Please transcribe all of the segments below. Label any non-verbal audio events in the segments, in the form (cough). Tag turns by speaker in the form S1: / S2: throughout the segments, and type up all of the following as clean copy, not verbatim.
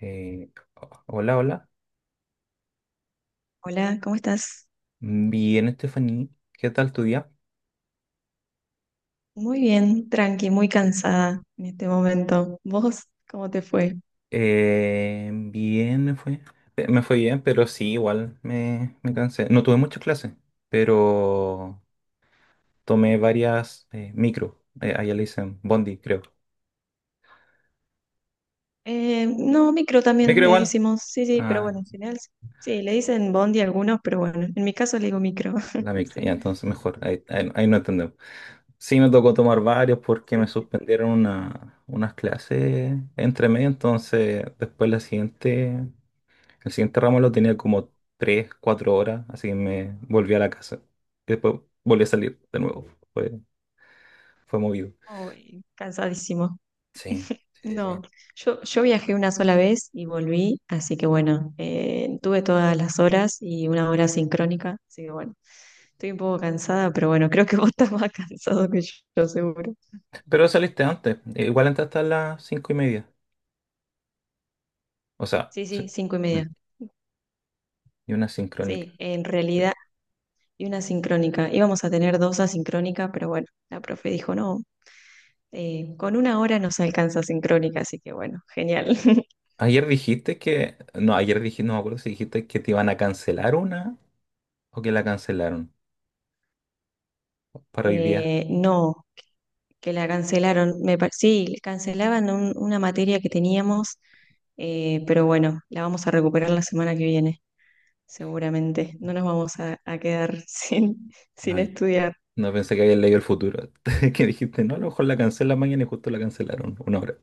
S1: Eh, Hola, hola.
S2: Hola, ¿cómo estás?
S1: Bien, Estefanía. ¿Qué tal tu día?
S2: Muy bien, tranqui, muy cansada en este momento. ¿Vos cómo te fue?
S1: Bien, me fue. Me fue bien, pero sí, igual me cansé. No tuve muchas clases, pero tomé varias micro. Allá le dicen Bondi, creo.
S2: No, micro también
S1: ¿Micro
S2: le
S1: igual?
S2: decimos, sí, sí, pero bueno,
S1: Ah,
S2: en general sí. Sí, le dicen bondi a algunos, pero bueno, en mi caso le digo micro. (laughs)
S1: la micro. Ya,
S2: Sí,
S1: entonces mejor. Ahí no entendemos. Sí, me tocó tomar varios porque me
S2: sí, sí.
S1: suspendieron unas clases entre
S2: Uy,
S1: medio, entonces después la siguiente. El siguiente ramo lo tenía como 3 4 horas, así que me volví a la casa. Y después volví a salir de nuevo. Fue, fue movido.
S2: uy, cansadísimo.
S1: Sí, sí, sí. Sí.
S2: No, yo viajé una sola vez y volví, así que bueno, tuve todas las horas y una hora sincrónica, así que bueno, estoy un poco cansada, pero bueno, creo que (laughs) vos estás más (laughs) cansado que yo, seguro.
S1: Pero saliste antes. Igual entraste a las 5:30. O sea,
S2: Sí,
S1: sí.
S2: sí, cinco y
S1: Mm,
S2: media.
S1: Y una sincrónica.
S2: Sí, en
S1: Sí.
S2: realidad, y una sincrónica. Íbamos a tener dos asincrónicas, pero bueno, la profe dijo, no, con una hora nos alcanza sincrónica, así que bueno, genial. (laughs)
S1: Ayer dijiste que... No, ayer dijiste, no me acuerdo si dijiste que te iban a cancelar una o que la cancelaron para hoy día.
S2: No, que la cancelaron. Me, sí, cancelaban una materia que teníamos, pero bueno, la vamos a recuperar la semana que viene, seguramente. No nos vamos a quedar (laughs) sin
S1: Ay,
S2: estudiar.
S1: no pensé que habías leído el futuro. (laughs) Que dijiste, no, a lo mejor la cancelan mañana y justo la cancelaron una hora.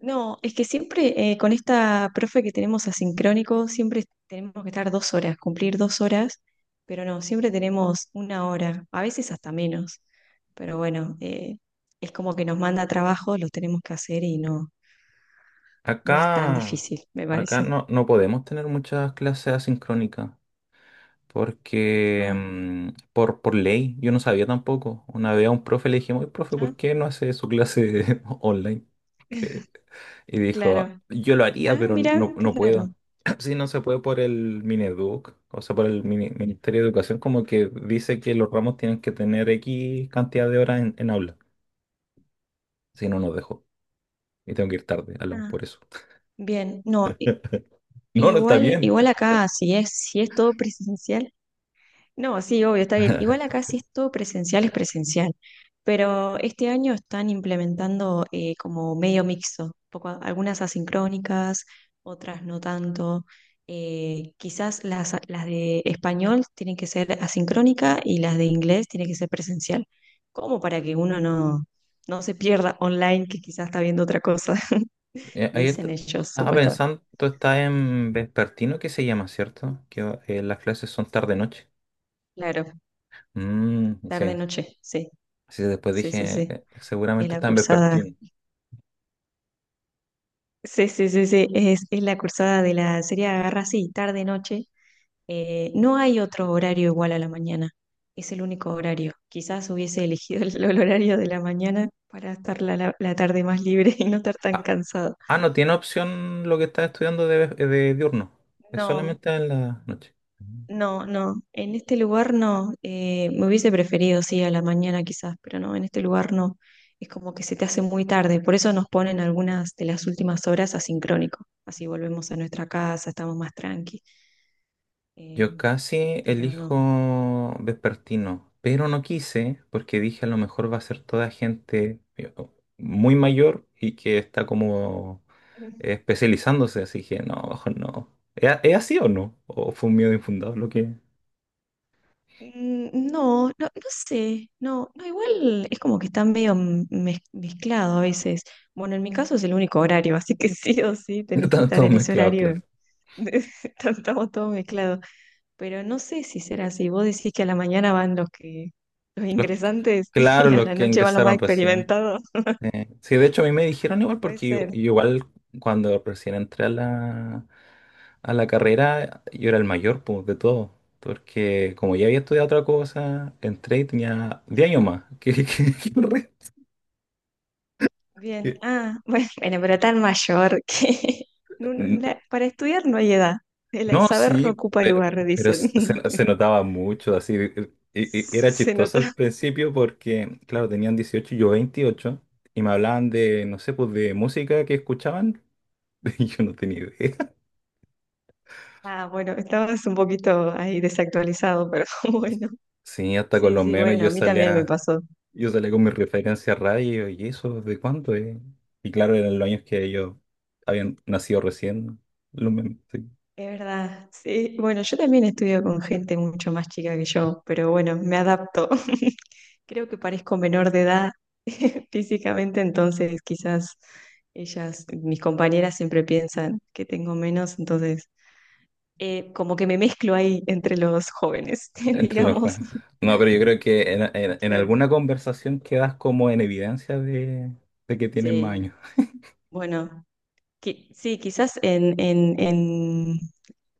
S2: No, es que siempre con esta profe que tenemos asincrónico, siempre tenemos que estar dos horas, cumplir dos horas, pero no, siempre tenemos una hora, a veces hasta menos. Pero bueno, es como que nos manda trabajo, los tenemos que hacer y no, no es tan
S1: Acá,
S2: difícil, me
S1: acá
S2: parece.
S1: no, no podemos tener muchas clases asincrónicas porque
S2: Ah,
S1: por ley, yo no sabía tampoco. Una vez a un profe le dijimos, "Oye, profe,
S2: ah,
S1: ¿por qué no hace su clase (laughs) online?" Que-
S2: (laughs)
S1: y dijo,
S2: claro.
S1: yo lo haría,
S2: Ah,
S1: pero
S2: mira,
S1: no,
S2: qué
S1: no
S2: raro.
S1: puedo. (clears throat) Sí, no se puede por el Mineduc, o sea, por el Ministerio de Educación, como que dice que los ramos tienen que tener X cantidad de horas en, aula. Si no, nos dejó. Y tengo que ir tarde, hablamos
S2: Ah,
S1: por eso. (laughs)
S2: bien, no,
S1: No, no está
S2: igual,
S1: bien.
S2: igual acá, si es, si es todo presencial. No, sí, obvio, está bien. Igual
S1: (laughs)
S2: acá si es todo presencial, es presencial. Pero este año están implementando como medio mixto, poco, algunas asincrónicas, otras no tanto. Quizás las de español tienen que ser asincrónica y las de inglés tienen que ser presencial. Como para que uno no, no se pierda online, que quizás está viendo otra cosa, (laughs)
S1: Ayer
S2: dicen ellos,
S1: estaba
S2: supuestamente.
S1: pensando, tú estás en vespertino, que se llama, ¿cierto? Las clases son tarde-noche.
S2: Claro,
S1: Mm, sí.
S2: tarde-noche, sí,
S1: Así que después
S2: sí, sí,
S1: dije,
S2: sí. Es
S1: seguramente
S2: la
S1: está en
S2: cursada.
S1: vespertino.
S2: Sí, sí, sí, sí, es la cursada de la serie Agarra así, tarde, noche. No hay otro horario igual a la mañana, es el único horario. Quizás hubiese elegido el, (laughs) el horario de la mañana para estar la, la tarde más libre (laughs) y no estar tan
S1: Ah,
S2: cansado.
S1: ah, no tiene opción lo que estás estudiando de diurno. Es
S2: No,
S1: solamente en la noche. Mm.
S2: no, no, en este lugar no. Me hubiese preferido, sí, a la mañana quizás, pero no, en este lugar no. Es como que se te hace muy tarde, por eso nos ponen algunas de las últimas horas asincrónico. Así volvemos a nuestra casa, estamos más tranqui.
S1: Yo
S2: eh,
S1: casi
S2: pero no.
S1: elijo vespertino, pero no quise porque dije a lo mejor va a ser toda gente muy mayor y que está como
S2: Mm,
S1: especializándose, así que no, mejor no. ¿Es así o no? ¿O fue un miedo infundado lo que...?
S2: No, no, no sé, no, no, igual es como que está medio mezclado a veces. Bueno, en mi caso es el único horario, (laughs) así que sí o sí
S1: (laughs)
S2: tenés que
S1: Están
S2: estar
S1: todos
S2: en ese
S1: mezclados,
S2: horario.
S1: claro.
S2: (laughs) Estamos todos mezclados, pero no sé si será así. Vos decís que a la mañana van los que los
S1: Los-
S2: ingresantes (laughs)
S1: claro,
S2: y a
S1: los
S2: la
S1: que
S2: noche van los más
S1: ingresaron recién.
S2: experimentados.
S1: Sí, de hecho a mí me dijeron igual
S2: Puede
S1: porque yo
S2: ser,
S1: igual cuando recién entré a la carrera yo era el mayor pues, de todo. Porque como ya había estudiado otra cosa, entré y tenía 10 años
S2: claro.
S1: más que, (laughs) que el
S2: Bien, ah, (laughs) bueno, bueno, pero tan mayor que (laughs)
S1: resto.
S2: para estudiar no hay edad. El
S1: No,
S2: saber no
S1: sí,
S2: ocupa
S1: pero,
S2: lugar,
S1: pero
S2: dicen.
S1: s-
S2: (laughs)
S1: se, se notaba mucho, así, y era
S2: Se
S1: chistoso
S2: nota.
S1: al principio porque, claro, tenían 18 y yo 28 y me hablaban de, no sé, pues de música que escuchaban, (laughs) y yo no tenía idea.
S2: Ah, (laughs) bueno, estabas un poquito ahí desactualizado, pero (laughs) bueno.
S1: Sí, hasta con
S2: Sí,
S1: los
S2: sí,
S1: memes
S2: bueno, a
S1: yo
S2: mí también me
S1: salía,
S2: pasó.
S1: yo salía con mis referencias radio, y eso, ¿de cuánto es? Y claro, eran los años que ellos habían nacido recién, los memes, sí.
S2: Es verdad. Sí, bueno, yo también estudio con gente mucho más chica que yo, pero bueno, me adapto. (laughs) Creo que parezco menor de edad (laughs) físicamente, entonces quizás ellas, mis compañeras siempre piensan que tengo menos, entonces como que me mezclo ahí entre los jóvenes, (laughs)
S1: Entre los
S2: digamos.
S1: jueces. No, pero yo creo que en, en
S2: Claro,
S1: alguna conversación quedas como en evidencia de, que tienen más
S2: sí.
S1: años.
S2: Bueno, sí, quizás en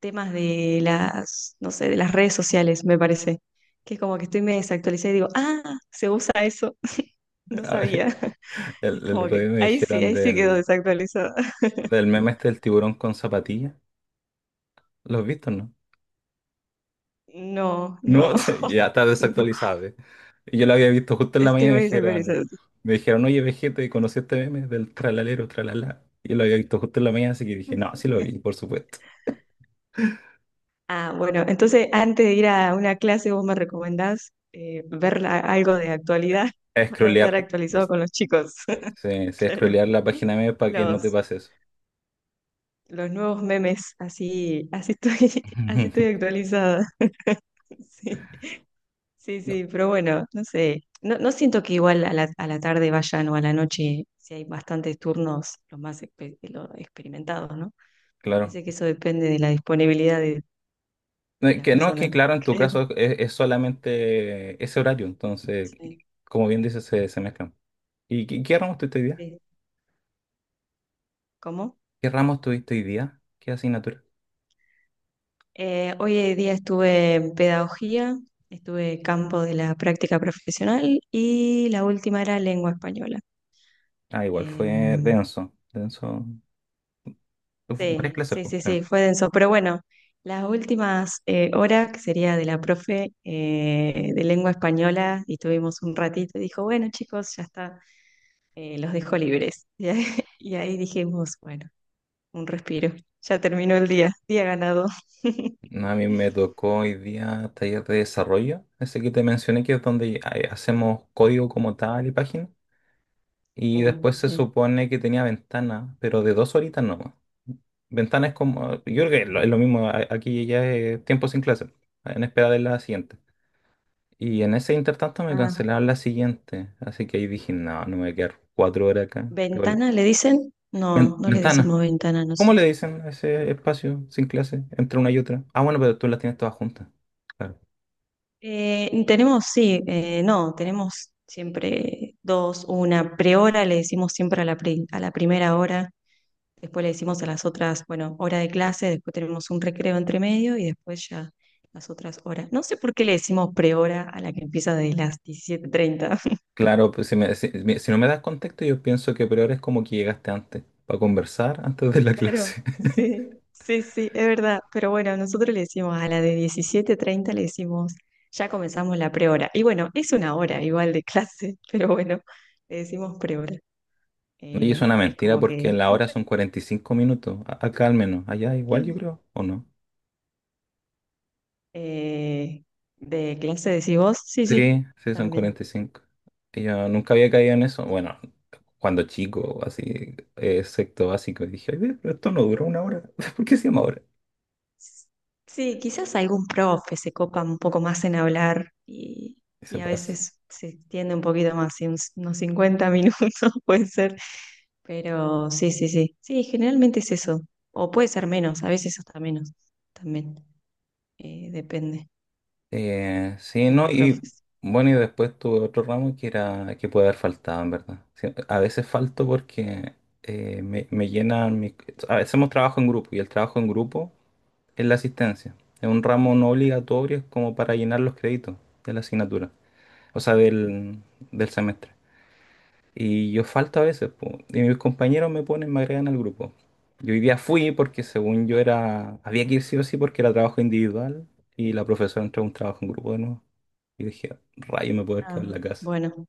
S2: temas de las, no sé, de las redes sociales, me parece, que es como que estoy me desactualizada y digo, ah, se usa eso, (laughs) no
S1: A ver,
S2: sabía. (laughs)
S1: (laughs)
S2: Es
S1: el
S2: como
S1: otro día
S2: que
S1: me dijeron
S2: ahí sí quedo
S1: del,
S2: desactualizada.
S1: del meme este del tiburón con zapatillas. ¿Lo has visto, no?
S2: No,
S1: No,
S2: no,
S1: (laughs) ya está
S2: (laughs) no,
S1: desactualizado. ¿Eh? Y yo lo había visto justo en la
S2: estoy
S1: mañana y me
S2: muy
S1: dijeron,
S2: desactualizado.
S1: me dijeron, oye, Vegeta, ¿y conocí este meme del tralalero, tralala? Y lo había visto justo en la mañana, así que dije, no, sí lo vi, por supuesto.
S2: Ah, bueno, entonces antes de ir a una clase, ¿vos me recomendás ver algo de actualidad (laughs) para
S1: Scrollear,
S2: estar actualizado con los chicos? (laughs)
S1: sí, sí,
S2: Claro.
S1: scrollear la página meme para que no te
S2: Los,
S1: pase eso.
S2: los nuevos memes, así, así estoy, (laughs) así estoy
S1: (laughs)
S2: actualizada. (laughs) Sí, sí,
S1: No,
S2: sí, pero bueno, no sé. No, no siento que igual a la tarde vayan o a la noche, si hay bastantes turnos, los más los experimentados, ¿no?
S1: claro.
S2: Parece que eso depende de la disponibilidad
S1: No,
S2: de
S1: es
S2: las
S1: que no, es que
S2: personas,
S1: claro,
S2: (laughs)
S1: en tu
S2: creo.
S1: caso es solamente ese horario, entonces,
S2: Sí.
S1: como bien dices, se mezclan. ¿Y qué ramos tuviste hoy día?
S2: Sí. ¿Cómo?
S1: ¿Qué ramos tuviste hoy día? ¿Qué asignatura?
S2: Hoy en día estuve en pedagogía, estuve campo de la práctica profesional y la última era lengua española.
S1: Ah, igual fue
S2: Em,
S1: denso, denso. Varias
S2: sí,
S1: clases,
S2: sí,
S1: pues,
S2: sí,
S1: claro.
S2: sí, fue denso, pero bueno, las últimas horas, que sería de la profe de lengua española, y tuvimos un ratito, dijo, bueno chicos, ya está, los dejo libres. (laughs) Y ahí dijimos, bueno, un respiro, ya terminó el día, día ganado. (laughs)
S1: No, a mí me tocó hoy día taller de desarrollo, ese que te mencioné que es donde hacemos código como tal y páginas. Y
S2: Uy,
S1: después se
S2: sí.
S1: supone que tenía ventana, pero de dos horitas no. Ventana es como, yo creo que es lo mismo, aquí ya es tiempo sin clase, en espera de la siguiente. Y en ese intertanto me
S2: Ah,
S1: cancelaron la siguiente, así que ahí dije, no, no me voy a quedar 4 horas acá. Igual,
S2: ¿ventana le dicen? No, no le decimos
S1: ventana,
S2: ventana a
S1: ¿cómo le
S2: nosotros.
S1: dicen a ese espacio sin clase entre una y otra? Ah, bueno, pero tú las tienes todas juntas. Claro,
S2: Tenemos, sí, no, tenemos siempre dos, una prehora, le decimos siempre a la, a la primera hora, después le decimos a las otras, bueno, hora de clase, después tenemos un recreo entre medio y después ya las otras horas. No sé por qué le decimos prehora a la que empieza de las 17:30.
S1: claro, pues si no me das contexto, yo pienso que peor es como que llegaste antes, para conversar antes de la (laughs)
S2: Claro,
S1: clase.
S2: sí, sí, sí, es verdad. Pero bueno, nosotros le decimos a la de 17:30 le decimos, ya comenzamos la prehora. Y bueno, es una hora igual de clase, (laughs) pero bueno, le decimos prehora.
S1: Y es una
S2: Es
S1: mentira
S2: como que...
S1: porque la hora son 45 minutos, acá al menos, allá igual yo
S2: Mm.
S1: creo, ¿o no?
S2: eh, de clase decís vos, sí, sí,
S1: Sí, sí, son
S2: también.
S1: 45. Y yo nunca había caído en eso, bueno, cuando chico, así, sexto básico, y dije, "Ay, ve, pero esto no duró una hora, (laughs) ¿por qué se llama hora?"
S2: Sí, quizás algún profe se copa un poco más en hablar
S1: Y se
S2: y a
S1: pasa.
S2: veces se extiende un poquito más, y unos 50 minutos (laughs) puede ser, pero sí, sí, sí, sí, generalmente es eso, o puede ser menos, a veces hasta menos, también depende
S1: Sí,
S2: de
S1: no,
S2: los
S1: y
S2: profes.
S1: bueno, y después tuve otro ramo que era, que puede haber faltado, en verdad. Sí, a veces falto porque me llenan, a veces hacemos trabajo en grupo, y el trabajo en grupo es la asistencia. Es un ramo no obligatorio, es como para llenar los créditos de la asignatura, o sea, del semestre. Y yo falto a veces, po, y mis compañeros me ponen, me agregan al grupo. Yo hoy día fui porque según yo era, había que ir sí o sí porque era trabajo individual y la profesora entró a un trabajo en grupo de nuevo. Y dije, rayo, me puedo haber quedado en
S2: Ah,
S1: la casa.
S2: bueno,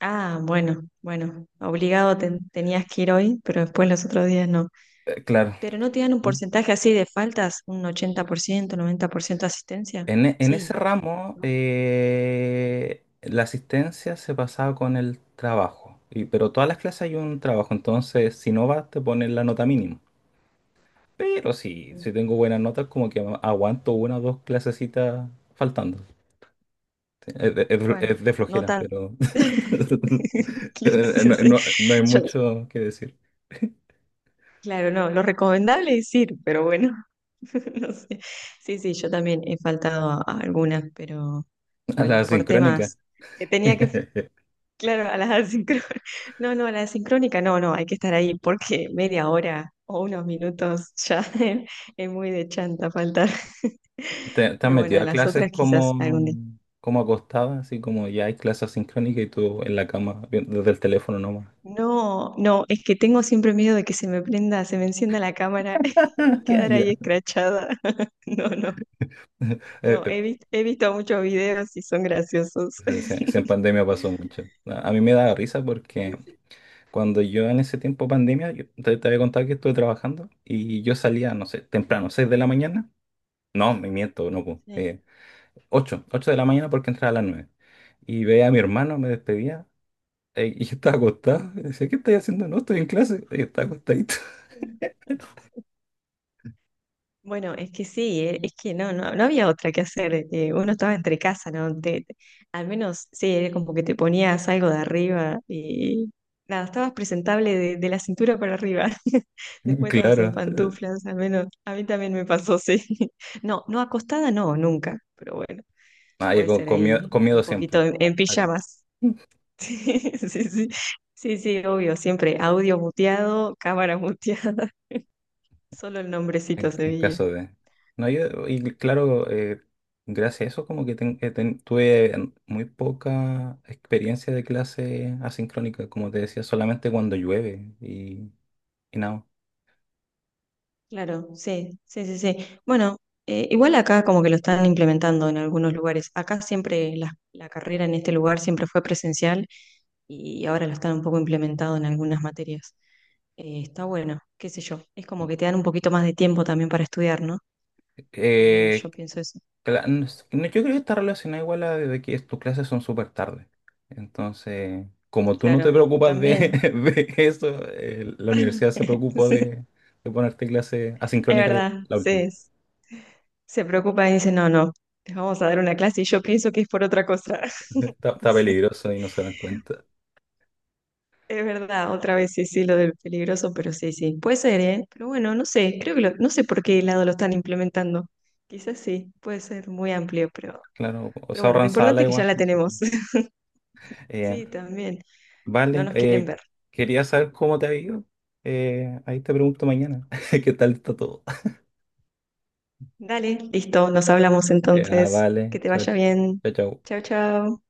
S2: ah, bueno, bueno, obligado tenías que ir hoy, pero después los otros días no.
S1: Claro.
S2: ¿Pero no te dan un
S1: ¿Mm?
S2: porcentaje así de faltas, un 80%, 90% de asistencia?
S1: En ese
S2: Sí.
S1: ramo, la asistencia se pasaba con el trabajo, y, pero todas las clases hay un trabajo, entonces si no vas te ponen la nota mínima. Pero sí, si
S2: Ujú.
S1: tengo buenas notas, como que aguanto una o dos clasecitas faltando. Sí,
S2: Bueno,
S1: es de
S2: no
S1: flojera,
S2: tan.
S1: pero
S2: (laughs) Sí,
S1: (laughs)
S2: sí. sí.
S1: no hay
S2: Yo-
S1: mucho que decir.
S2: claro, no, lo recomendable es ir, pero bueno, (laughs) no sé. Sí, sí, yo también he faltado a algunas, pero
S1: A la
S2: bueno, por
S1: sincrónica.
S2: temas que tenía que,
S1: (laughs)
S2: claro, a las asincrónicas, (laughs) no, no, a la asincrónica, no, no, hay que estar ahí porque media hora o unos minutos ya (laughs) es muy de chanta faltar,
S1: ¿Te has
S2: pero bueno,
S1: metido
S2: a
S1: a
S2: las
S1: clases
S2: otras
S1: como,
S2: quizás algún día.
S1: como acostada, así como ya hay clases sincrónicas y tú en la cama, desde el teléfono nomás?
S2: No, no, es que tengo siempre miedo de que se me prenda, se me encienda la cámara (laughs)
S1: (laughs)
S2: y
S1: Ah,
S2: quedar
S1: ya.
S2: ahí escrachada. (laughs) No, no,
S1: (laughs) Eh,
S2: no,
S1: eh,
S2: he visto muchos videos y son graciosos.
S1: se en
S2: (laughs)
S1: pandemia pasó mucho. A mí me daba risa porque
S2: Sí, sí.
S1: cuando yo en ese tiempo pandemia, yo te había contado que estuve trabajando y yo salía, no sé, temprano, 6 de la mañana. No, me miento, no, pues, 8, 8 de la mañana porque entraba a las 9. Y veía a mi hermano, me despedía y yo estaba acostado. Y decía, ¿qué estás haciendo? No, estoy en clase. Y yo estaba acostadito.
S2: Sí. Bueno, es que sí, es que no, no, no había otra que hacer. Uno estaba entre casa, ¿no? Al menos sí, era como que te ponías algo de arriba y nada, estabas presentable de la cintura para arriba. (laughs)
S1: (laughs)
S2: Después estabas en
S1: Claro.
S2: pantuflas, al menos a mí también me pasó, sí. (laughs) No, no acostada, no, nunca, pero bueno,
S1: Ah, ya
S2: puede
S1: con,
S2: ser
S1: con miedo,
S2: ahí
S1: con miedo
S2: un
S1: siempre.
S2: poquito
S1: Ah,
S2: en
S1: está bien.
S2: pijamas. (laughs) Sí, sí, sí, sí, sí, obvio, siempre audio muteado, cámara muteada, (laughs) solo el nombrecito
S1: En,
S2: se
S1: en
S2: veía.
S1: caso de... No, y claro, gracias a eso como que tuve muy poca experiencia de clase asincrónica, como te decía, solamente cuando llueve y nada.
S2: Claro, sí, sí, sí, sí. Bueno, igual acá como que lo están implementando en algunos lugares. Acá siempre la, la carrera en este lugar siempre fue presencial y ahora lo están un poco implementado en algunas materias. Está bueno, qué sé yo. Es como que te dan un poquito más de tiempo también para estudiar, ¿no? Al menos
S1: Eh,
S2: yo pienso eso.
S1: No sé, no, yo creo que está relacionado igual a de que tus clases son súper tarde. Entonces, como tú no te
S2: Claro,
S1: preocupas de, (laughs)
S2: también.
S1: de eso, la universidad se
S2: (laughs)
S1: preocupó
S2: Sí,
S1: de ponerte clases
S2: es
S1: asincrónicas la
S2: verdad,
S1: la última.
S2: sí. Se preocupa y dice, no, no, les vamos a dar una clase y yo pienso que es por otra cosa.
S1: (laughs) Está,
S2: (laughs)
S1: está
S2: Sí.
S1: peligroso y no se dan cuenta.
S2: Es verdad, otra vez sí, sí, lo del peligroso, pero sí, sí. Puede ser, ¿eh? Pero bueno, no sé, creo que lo- no sé por qué lado lo están implementando. Quizás sí, puede ser muy amplio,
S1: Claro, o
S2: pero
S1: se
S2: bueno, lo
S1: ahorran
S2: importante
S1: sala
S2: es que ya
S1: igual.
S2: la
S1: Así que,
S2: tenemos. (laughs)
S1: eh,
S2: Sí, también, no
S1: vale,
S2: nos quieren ver.
S1: quería saber cómo te ha ido. Ahí te pregunto mañana. (laughs) ¿Qué tal está todo? (laughs)
S2: Dale, listo, nos hablamos
S1: Ah,
S2: entonces.
S1: vale,
S2: Que te
S1: chao,
S2: vaya bien.
S1: chao, chao.
S2: Chao, chao.